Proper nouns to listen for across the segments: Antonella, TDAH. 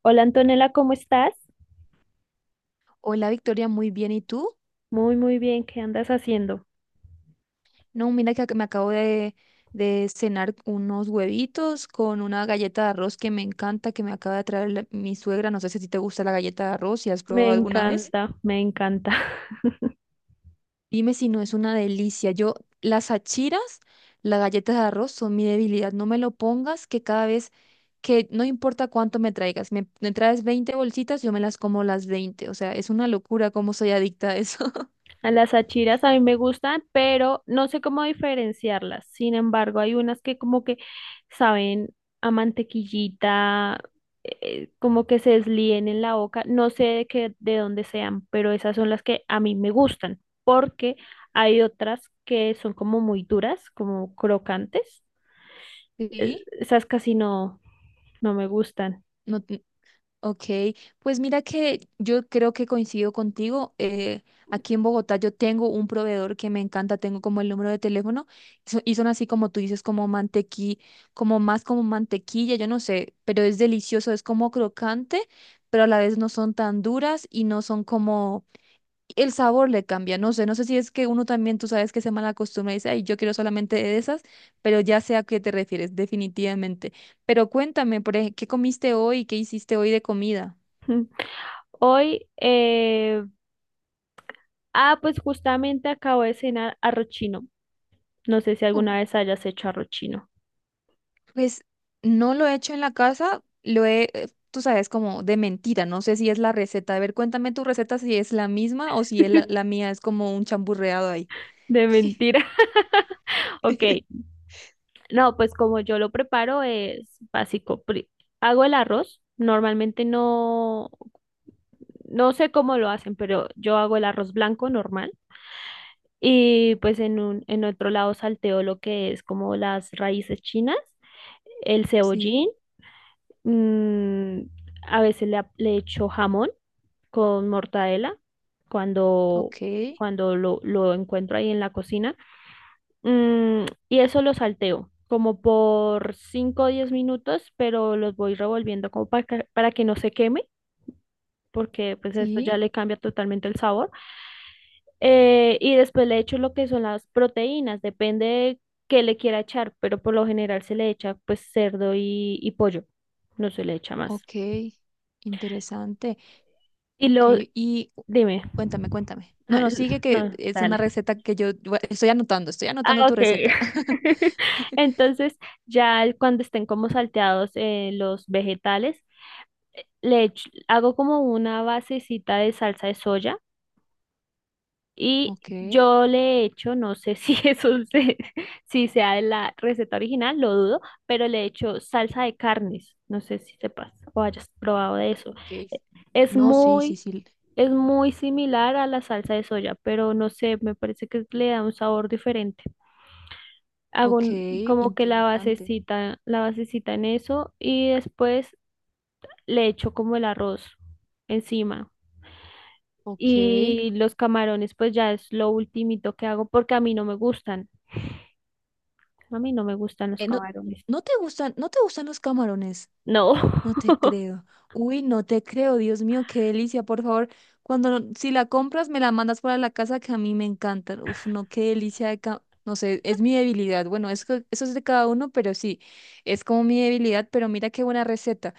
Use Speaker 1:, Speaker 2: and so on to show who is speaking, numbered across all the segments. Speaker 1: Hola Antonella, ¿cómo estás?
Speaker 2: Hola Victoria, muy bien. ¿Y tú?
Speaker 1: Muy, muy bien, ¿qué andas haciendo?
Speaker 2: No, mira que me acabo de cenar unos huevitos con una galleta de arroz que me encanta, que me acaba de traer mi suegra. No sé si a ti te gusta la galleta de arroz, si has probado
Speaker 1: Me
Speaker 2: alguna vez.
Speaker 1: encanta, me encanta.
Speaker 2: Dime si no es una delicia. Yo, las achiras, las galletas de arroz son mi debilidad. No me lo pongas que cada vez que, no importa cuánto me traigas, me traes 20 bolsitas, yo me las como las 20. O sea, es una locura cómo soy adicta a eso.
Speaker 1: A las achiras a mí me gustan, pero no sé cómo diferenciarlas. Sin embargo, hay unas que como que saben a mantequillita, como que se deslíen en la boca. No sé de qué, de dónde sean, pero esas son las que a mí me gustan, porque hay otras que son como muy duras, como crocantes. Eh,
Speaker 2: Sí.
Speaker 1: Esas casi no, no me gustan.
Speaker 2: No. Ok, pues mira que yo creo que coincido contigo. Aquí en Bogotá yo tengo un proveedor que me encanta, tengo como el número de teléfono y son así como tú dices, como mantequilla, como más como mantequilla, yo no sé, pero es delicioso, es como crocante, pero a la vez no son tan duras y no son como, el sabor le cambia, no sé, no sé si es que uno también, tú sabes que se mal acostumbra y dice, ay, yo quiero solamente de esas, pero ya sé a qué te refieres, definitivamente. Pero cuéntame, ¿qué comiste hoy? ¿Qué hiciste hoy de comida?
Speaker 1: Ujú. Hoy pues justamente acabo de cenar arroz chino. No sé si
Speaker 2: Uh,
Speaker 1: alguna vez hayas hecho arroz chino.
Speaker 2: Pues no lo he hecho en la casa, lo he, tú sabes, como de mentira, no sé si es la receta. A ver, cuéntame tu receta si es la misma o si es la mía es como un chamburreado ahí.
Speaker 1: De mentira. Ok, no, pues como yo lo preparo es básico. Hago el arroz. Normalmente no, no sé cómo lo hacen, pero yo hago el arroz blanco normal. Y pues en otro lado salteo lo que es como las raíces chinas, el
Speaker 2: Sí,
Speaker 1: cebollín, mm, a veces le echo jamón con mortadela cuando,
Speaker 2: ok,
Speaker 1: cuando lo encuentro ahí en la cocina. Mm, y eso lo salteo como por 5 o 10 minutos, pero los voy revolviendo como para que no se queme, porque pues esto ya
Speaker 2: sí,
Speaker 1: le cambia totalmente el sabor. Y después le echo lo que son las proteínas, depende de qué le quiera echar, pero por lo general se le echa pues cerdo y pollo, no se le echa más.
Speaker 2: ok, interesante,
Speaker 1: Y
Speaker 2: ok,
Speaker 1: lo,
Speaker 2: y cu-
Speaker 1: dime.
Speaker 2: cuéntame, cuéntame. No,
Speaker 1: Ah,
Speaker 2: no, sigue que
Speaker 1: no,
Speaker 2: es una
Speaker 1: dale.
Speaker 2: receta que yo estoy anotando
Speaker 1: Ah,
Speaker 2: tu
Speaker 1: ok.
Speaker 2: receta.
Speaker 1: Entonces, ya cuando estén como salteados los vegetales, hago como una basecita de salsa de soya. Y
Speaker 2: Ok,
Speaker 1: yo le he hecho, no sé si si sea de la receta original, lo dudo, pero le he hecho salsa de carnes. No sé si sepas o hayas probado de eso.
Speaker 2: ok.
Speaker 1: Eh, Es
Speaker 2: No, sí, sí,
Speaker 1: muy,
Speaker 2: sí.
Speaker 1: es muy similar a la salsa de soya, pero no sé, me parece que le da un sabor diferente. Hago
Speaker 2: Ok,
Speaker 1: un- Como que
Speaker 2: interesante.
Speaker 1: la basecita en eso y después le echo como el arroz encima.
Speaker 2: Ok.
Speaker 1: Y los camarones, pues ya es lo ultimito que hago porque a mí no me gustan. A mí no me gustan los
Speaker 2: No,
Speaker 1: camarones.
Speaker 2: no te gustan, no te gustan los camarones.
Speaker 1: No.
Speaker 2: No te creo. Uy, no te creo, Dios mío, qué delicia. Por favor, cuando no- si la compras, me la mandas para la casa que a mí me encantan. Uf, no, qué delicia no sé, es mi debilidad. Bueno, es que eso es de cada uno, pero sí, es como mi debilidad, pero mira qué buena receta.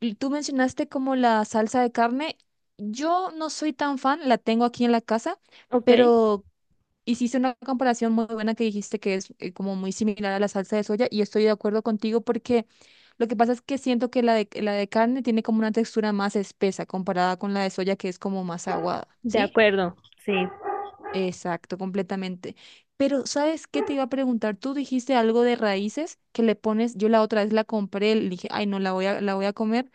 Speaker 2: Y tú mencionaste como la salsa de carne. Yo no soy tan fan, la tengo aquí en la casa,
Speaker 1: Ok,
Speaker 2: pero hiciste una comparación muy buena que dijiste que es como muy similar a la salsa de soya y estoy de acuerdo contigo porque lo que pasa es que siento que la de carne tiene como una textura más espesa comparada con la de soya que es como más aguada,
Speaker 1: de
Speaker 2: ¿sí?
Speaker 1: acuerdo. Sí.
Speaker 2: Exacto, completamente. Pero ¿sabes qué te iba a preguntar? Tú dijiste algo de raíces que le pones, yo la otra vez la compré, le dije, ay no, la voy a comer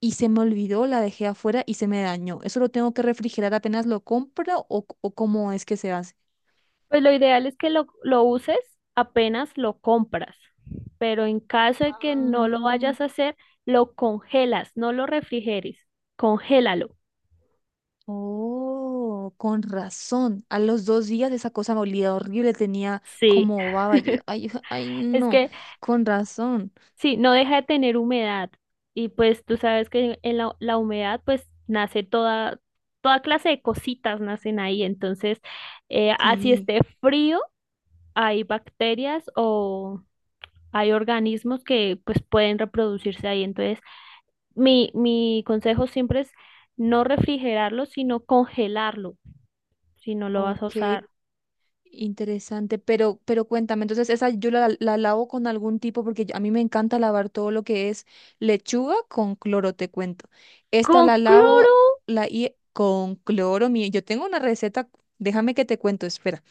Speaker 2: y se me olvidó, la dejé afuera y se me dañó. ¿Eso lo tengo que refrigerar apenas lo compro o cómo es que se hace?
Speaker 1: Pues lo ideal es que lo uses apenas lo compras, pero en caso de que no lo
Speaker 2: Ah.
Speaker 1: vayas a hacer, lo congelas, no lo refrigeres, congélalo.
Speaker 2: Oh, con razón. A los 2 días esa cosa me olía horrible, tenía
Speaker 1: Sí.
Speaker 2: como baba. Yo, ay, ay,
Speaker 1: Es
Speaker 2: no,
Speaker 1: que
Speaker 2: con razón.
Speaker 1: sí, no deja de tener humedad. Y pues tú sabes que la humedad pues nace toda, toda clase de cositas nacen ahí. Entonces, así
Speaker 2: Sí,
Speaker 1: esté frío, hay bacterias o hay organismos que pues pueden reproducirse ahí. Entonces, mi consejo siempre es no refrigerarlo, sino congelarlo, si no lo vas a
Speaker 2: ok,
Speaker 1: usar.
Speaker 2: interesante. Pero cuéntame, entonces esa yo la lavo con algún tipo, porque a mí me encanta lavar todo lo que es lechuga con cloro, te cuento. Esta
Speaker 1: Con
Speaker 2: la
Speaker 1: cloro,
Speaker 2: lavo y con cloro. Yo tengo una receta, déjame que te cuento, espera.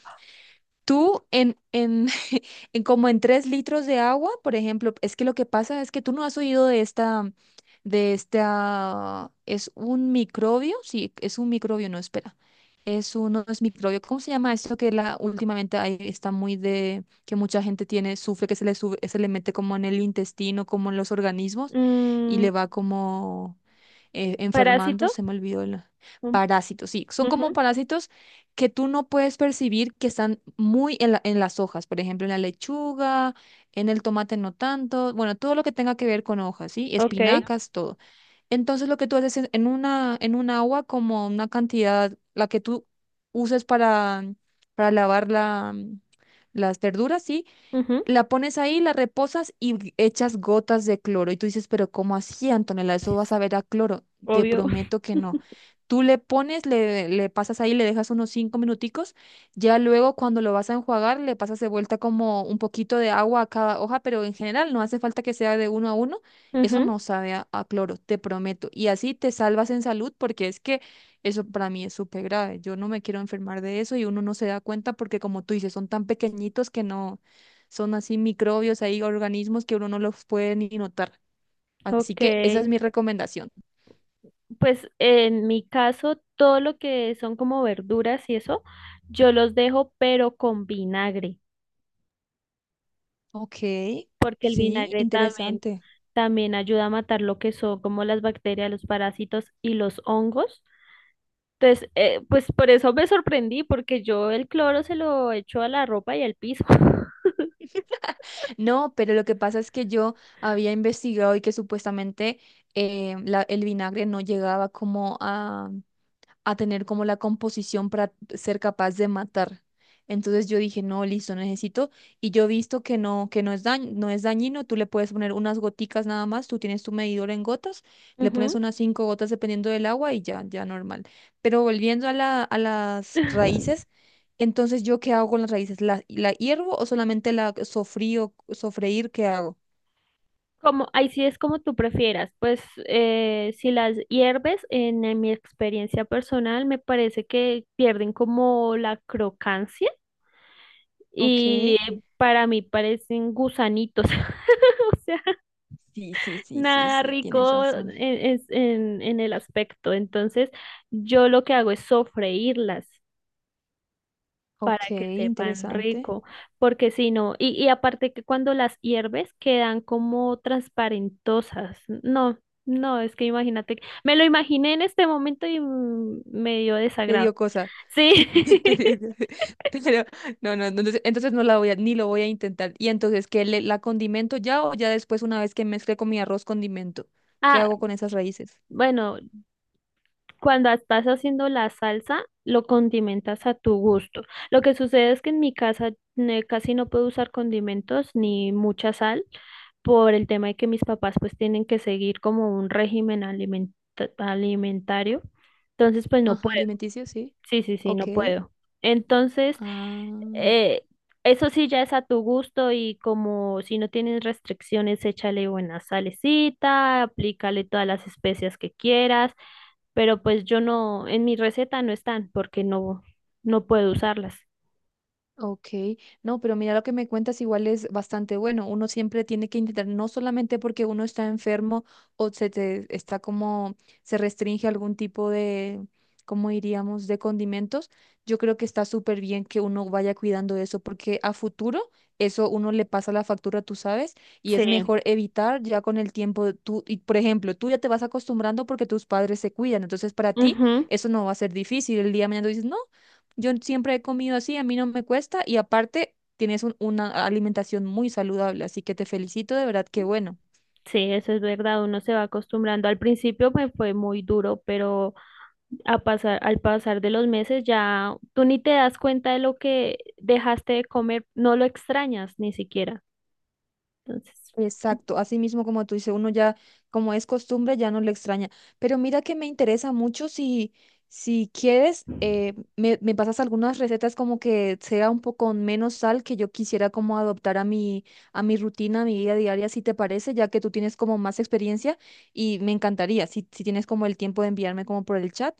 Speaker 2: Tú en en como en 3 litros de agua, por ejemplo, es que lo que pasa es que tú no has oído de esta, es un microbio, sí, es un microbio, no, espera, es uno, es microbio, ¿cómo se llama esto que últimamente ahí está muy que mucha gente tiene, sufre, que se le sube, se le mete como en el intestino, como en los organismos y
Speaker 1: mm,
Speaker 2: le va como enfermando,
Speaker 1: parásito.
Speaker 2: se me olvidó el.
Speaker 1: Mm,
Speaker 2: Parásitos, sí, son como
Speaker 1: ujú,
Speaker 2: parásitos que tú no puedes percibir que están muy en en las hojas, por ejemplo, en la lechuga, en el tomate no tanto, bueno, todo lo que tenga que ver con hojas, ¿sí?
Speaker 1: ok,
Speaker 2: Espinacas, todo. Entonces lo que tú haces es en una, en un agua como una cantidad, la que tú uses para lavar la, las verduras, ¿sí?
Speaker 1: ujú,
Speaker 2: La pones ahí, la reposas y echas gotas de cloro. Y tú dices, pero ¿cómo así, Antonella? Eso vas a ver a cloro. Te
Speaker 1: obvio.
Speaker 2: prometo que no. Tú le pones, le pasas ahí, le dejas unos 5 minuticos. Ya luego cuando lo vas a enjuagar, le pasas de vuelta como un poquito de agua a cada hoja, pero en general no hace falta que sea de uno a uno. Eso
Speaker 1: Ujú.
Speaker 2: no sabe a cloro, te prometo. Y así te salvas en salud porque es que eso para mí es súper grave. Yo no me quiero enfermar de eso y uno no se da cuenta porque como tú dices, son tan pequeñitos que no son así microbios, hay organismos que uno no los puede ni notar. Así
Speaker 1: Ok,
Speaker 2: que esa es mi recomendación.
Speaker 1: pues en mi caso todo lo que son como verduras y eso, yo los dejo pero con vinagre,
Speaker 2: Ok,
Speaker 1: porque el
Speaker 2: sí,
Speaker 1: vinagre también,
Speaker 2: interesante.
Speaker 1: también ayuda a matar lo que son como las bacterias, los parásitos y los hongos. Entonces, pues por eso me sorprendí, porque yo el cloro se lo echo a la ropa y al piso.
Speaker 2: No, pero lo que pasa es que yo había investigado y que supuestamente el vinagre no llegaba como a tener como la composición para ser capaz de matar. Entonces yo dije, no, listo, necesito. Y yo he visto que no es no es dañino, tú le puedes poner unas goticas nada más, tú tienes tu medidor en gotas, le pones
Speaker 1: Ujú.
Speaker 2: unas 5 gotas dependiendo del agua y ya normal. Pero volviendo a la, a las raíces, entonces yo qué hago con las raíces, la hiervo o solamente la sofrío, sofreír, qué hago?
Speaker 1: Como, ahí sí es como tú prefieras, pues si las hierves, en mi experiencia personal, me parece que pierden como la crocancia
Speaker 2: Ok.
Speaker 1: y para mí parecen gusanitos, o sea,
Speaker 2: Sí, sí, sí, sí,
Speaker 1: nada
Speaker 2: sí, tienes
Speaker 1: rico en,
Speaker 2: razón.
Speaker 1: es- en, en el aspecto. Entonces, yo lo que hago es sofreírlas para
Speaker 2: Ok,
Speaker 1: que sepan
Speaker 2: interesante.
Speaker 1: rico, porque si no, y aparte que cuando las hierves quedan como transparentosas. No, no, es que imagínate, me lo imaginé en este momento y mm, me dio
Speaker 2: Te
Speaker 1: desagrado.
Speaker 2: dio cosa.
Speaker 1: Sí.
Speaker 2: Te dio cosa. Pero no, no, no, entonces, no la voy a, ni lo voy a intentar. Y entonces, ¿qué le, la condimento ya o ya después una vez que mezcle con mi arroz condimento? ¿Qué
Speaker 1: Ah,
Speaker 2: hago con esas raíces?
Speaker 1: bueno, cuando estás haciendo la salsa, lo condimentas a tu gusto. Lo que sucede es que en mi casa casi no puedo usar condimentos ni mucha sal por el tema de que mis papás pues tienen que seguir como un régimen alimentario. Entonces pues no
Speaker 2: Ajá,
Speaker 1: puedo.
Speaker 2: alimenticio, sí.
Speaker 1: Sí, sí, sí,
Speaker 2: Ok.
Speaker 1: no puedo. Entonces,
Speaker 2: Ah.
Speaker 1: eh, eso sí ya es a tu gusto y como si no tienes restricciones, échale buena salecita, aplícale todas las especias que quieras, pero pues yo no, en mi receta no están porque no, no puedo usarlas.
Speaker 2: Ok, no, pero mira lo que me cuentas igual es bastante bueno. Uno siempre tiene que intentar, no solamente porque uno está enfermo o se te está como, se restringe algún tipo de, ¿cómo diríamos?, de condimentos. Yo creo que está súper bien que uno vaya cuidando eso porque a futuro eso uno le pasa la factura, tú sabes, y es
Speaker 1: Sí,
Speaker 2: mejor evitar ya con el tiempo. Tú, y por ejemplo, tú ya te vas acostumbrando porque tus padres se cuidan. Entonces, para ti
Speaker 1: ujú,
Speaker 2: eso no va a ser difícil. El día de mañana tú dices, no. Yo siempre he comido así, a mí no me cuesta y aparte tienes una alimentación muy saludable, así que te felicito, de verdad que bueno.
Speaker 1: sí, eso es verdad, uno se va acostumbrando. Al principio me fue muy duro, pero a pasar, al pasar de los meses ya tú ni te das cuenta de lo que dejaste de comer, no lo extrañas ni siquiera. Entonces,
Speaker 2: Exacto, así mismo como tú dices, uno ya, como es costumbre, ya no le extraña. Pero mira que me interesa mucho si quieres, me pasas algunas recetas como que sea un poco con menos sal que yo quisiera como adoptar a mi rutina, a mi vida diaria, si te parece, ya que tú tienes como más experiencia y me encantaría, si tienes como el tiempo de enviarme como por el chat.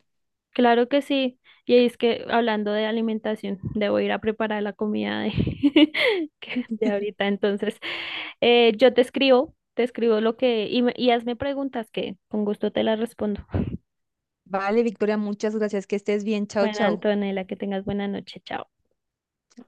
Speaker 1: claro que sí. Y es que hablando de alimentación, debo ir a preparar la comida de, de ahorita. Entonces, yo te escribo lo que, y hazme preguntas que con gusto te las respondo.
Speaker 2: Vale, Victoria, muchas gracias. Que estés bien. Chao,
Speaker 1: Bueno,
Speaker 2: chao.
Speaker 1: Antonella, que tengas buena noche. Chao.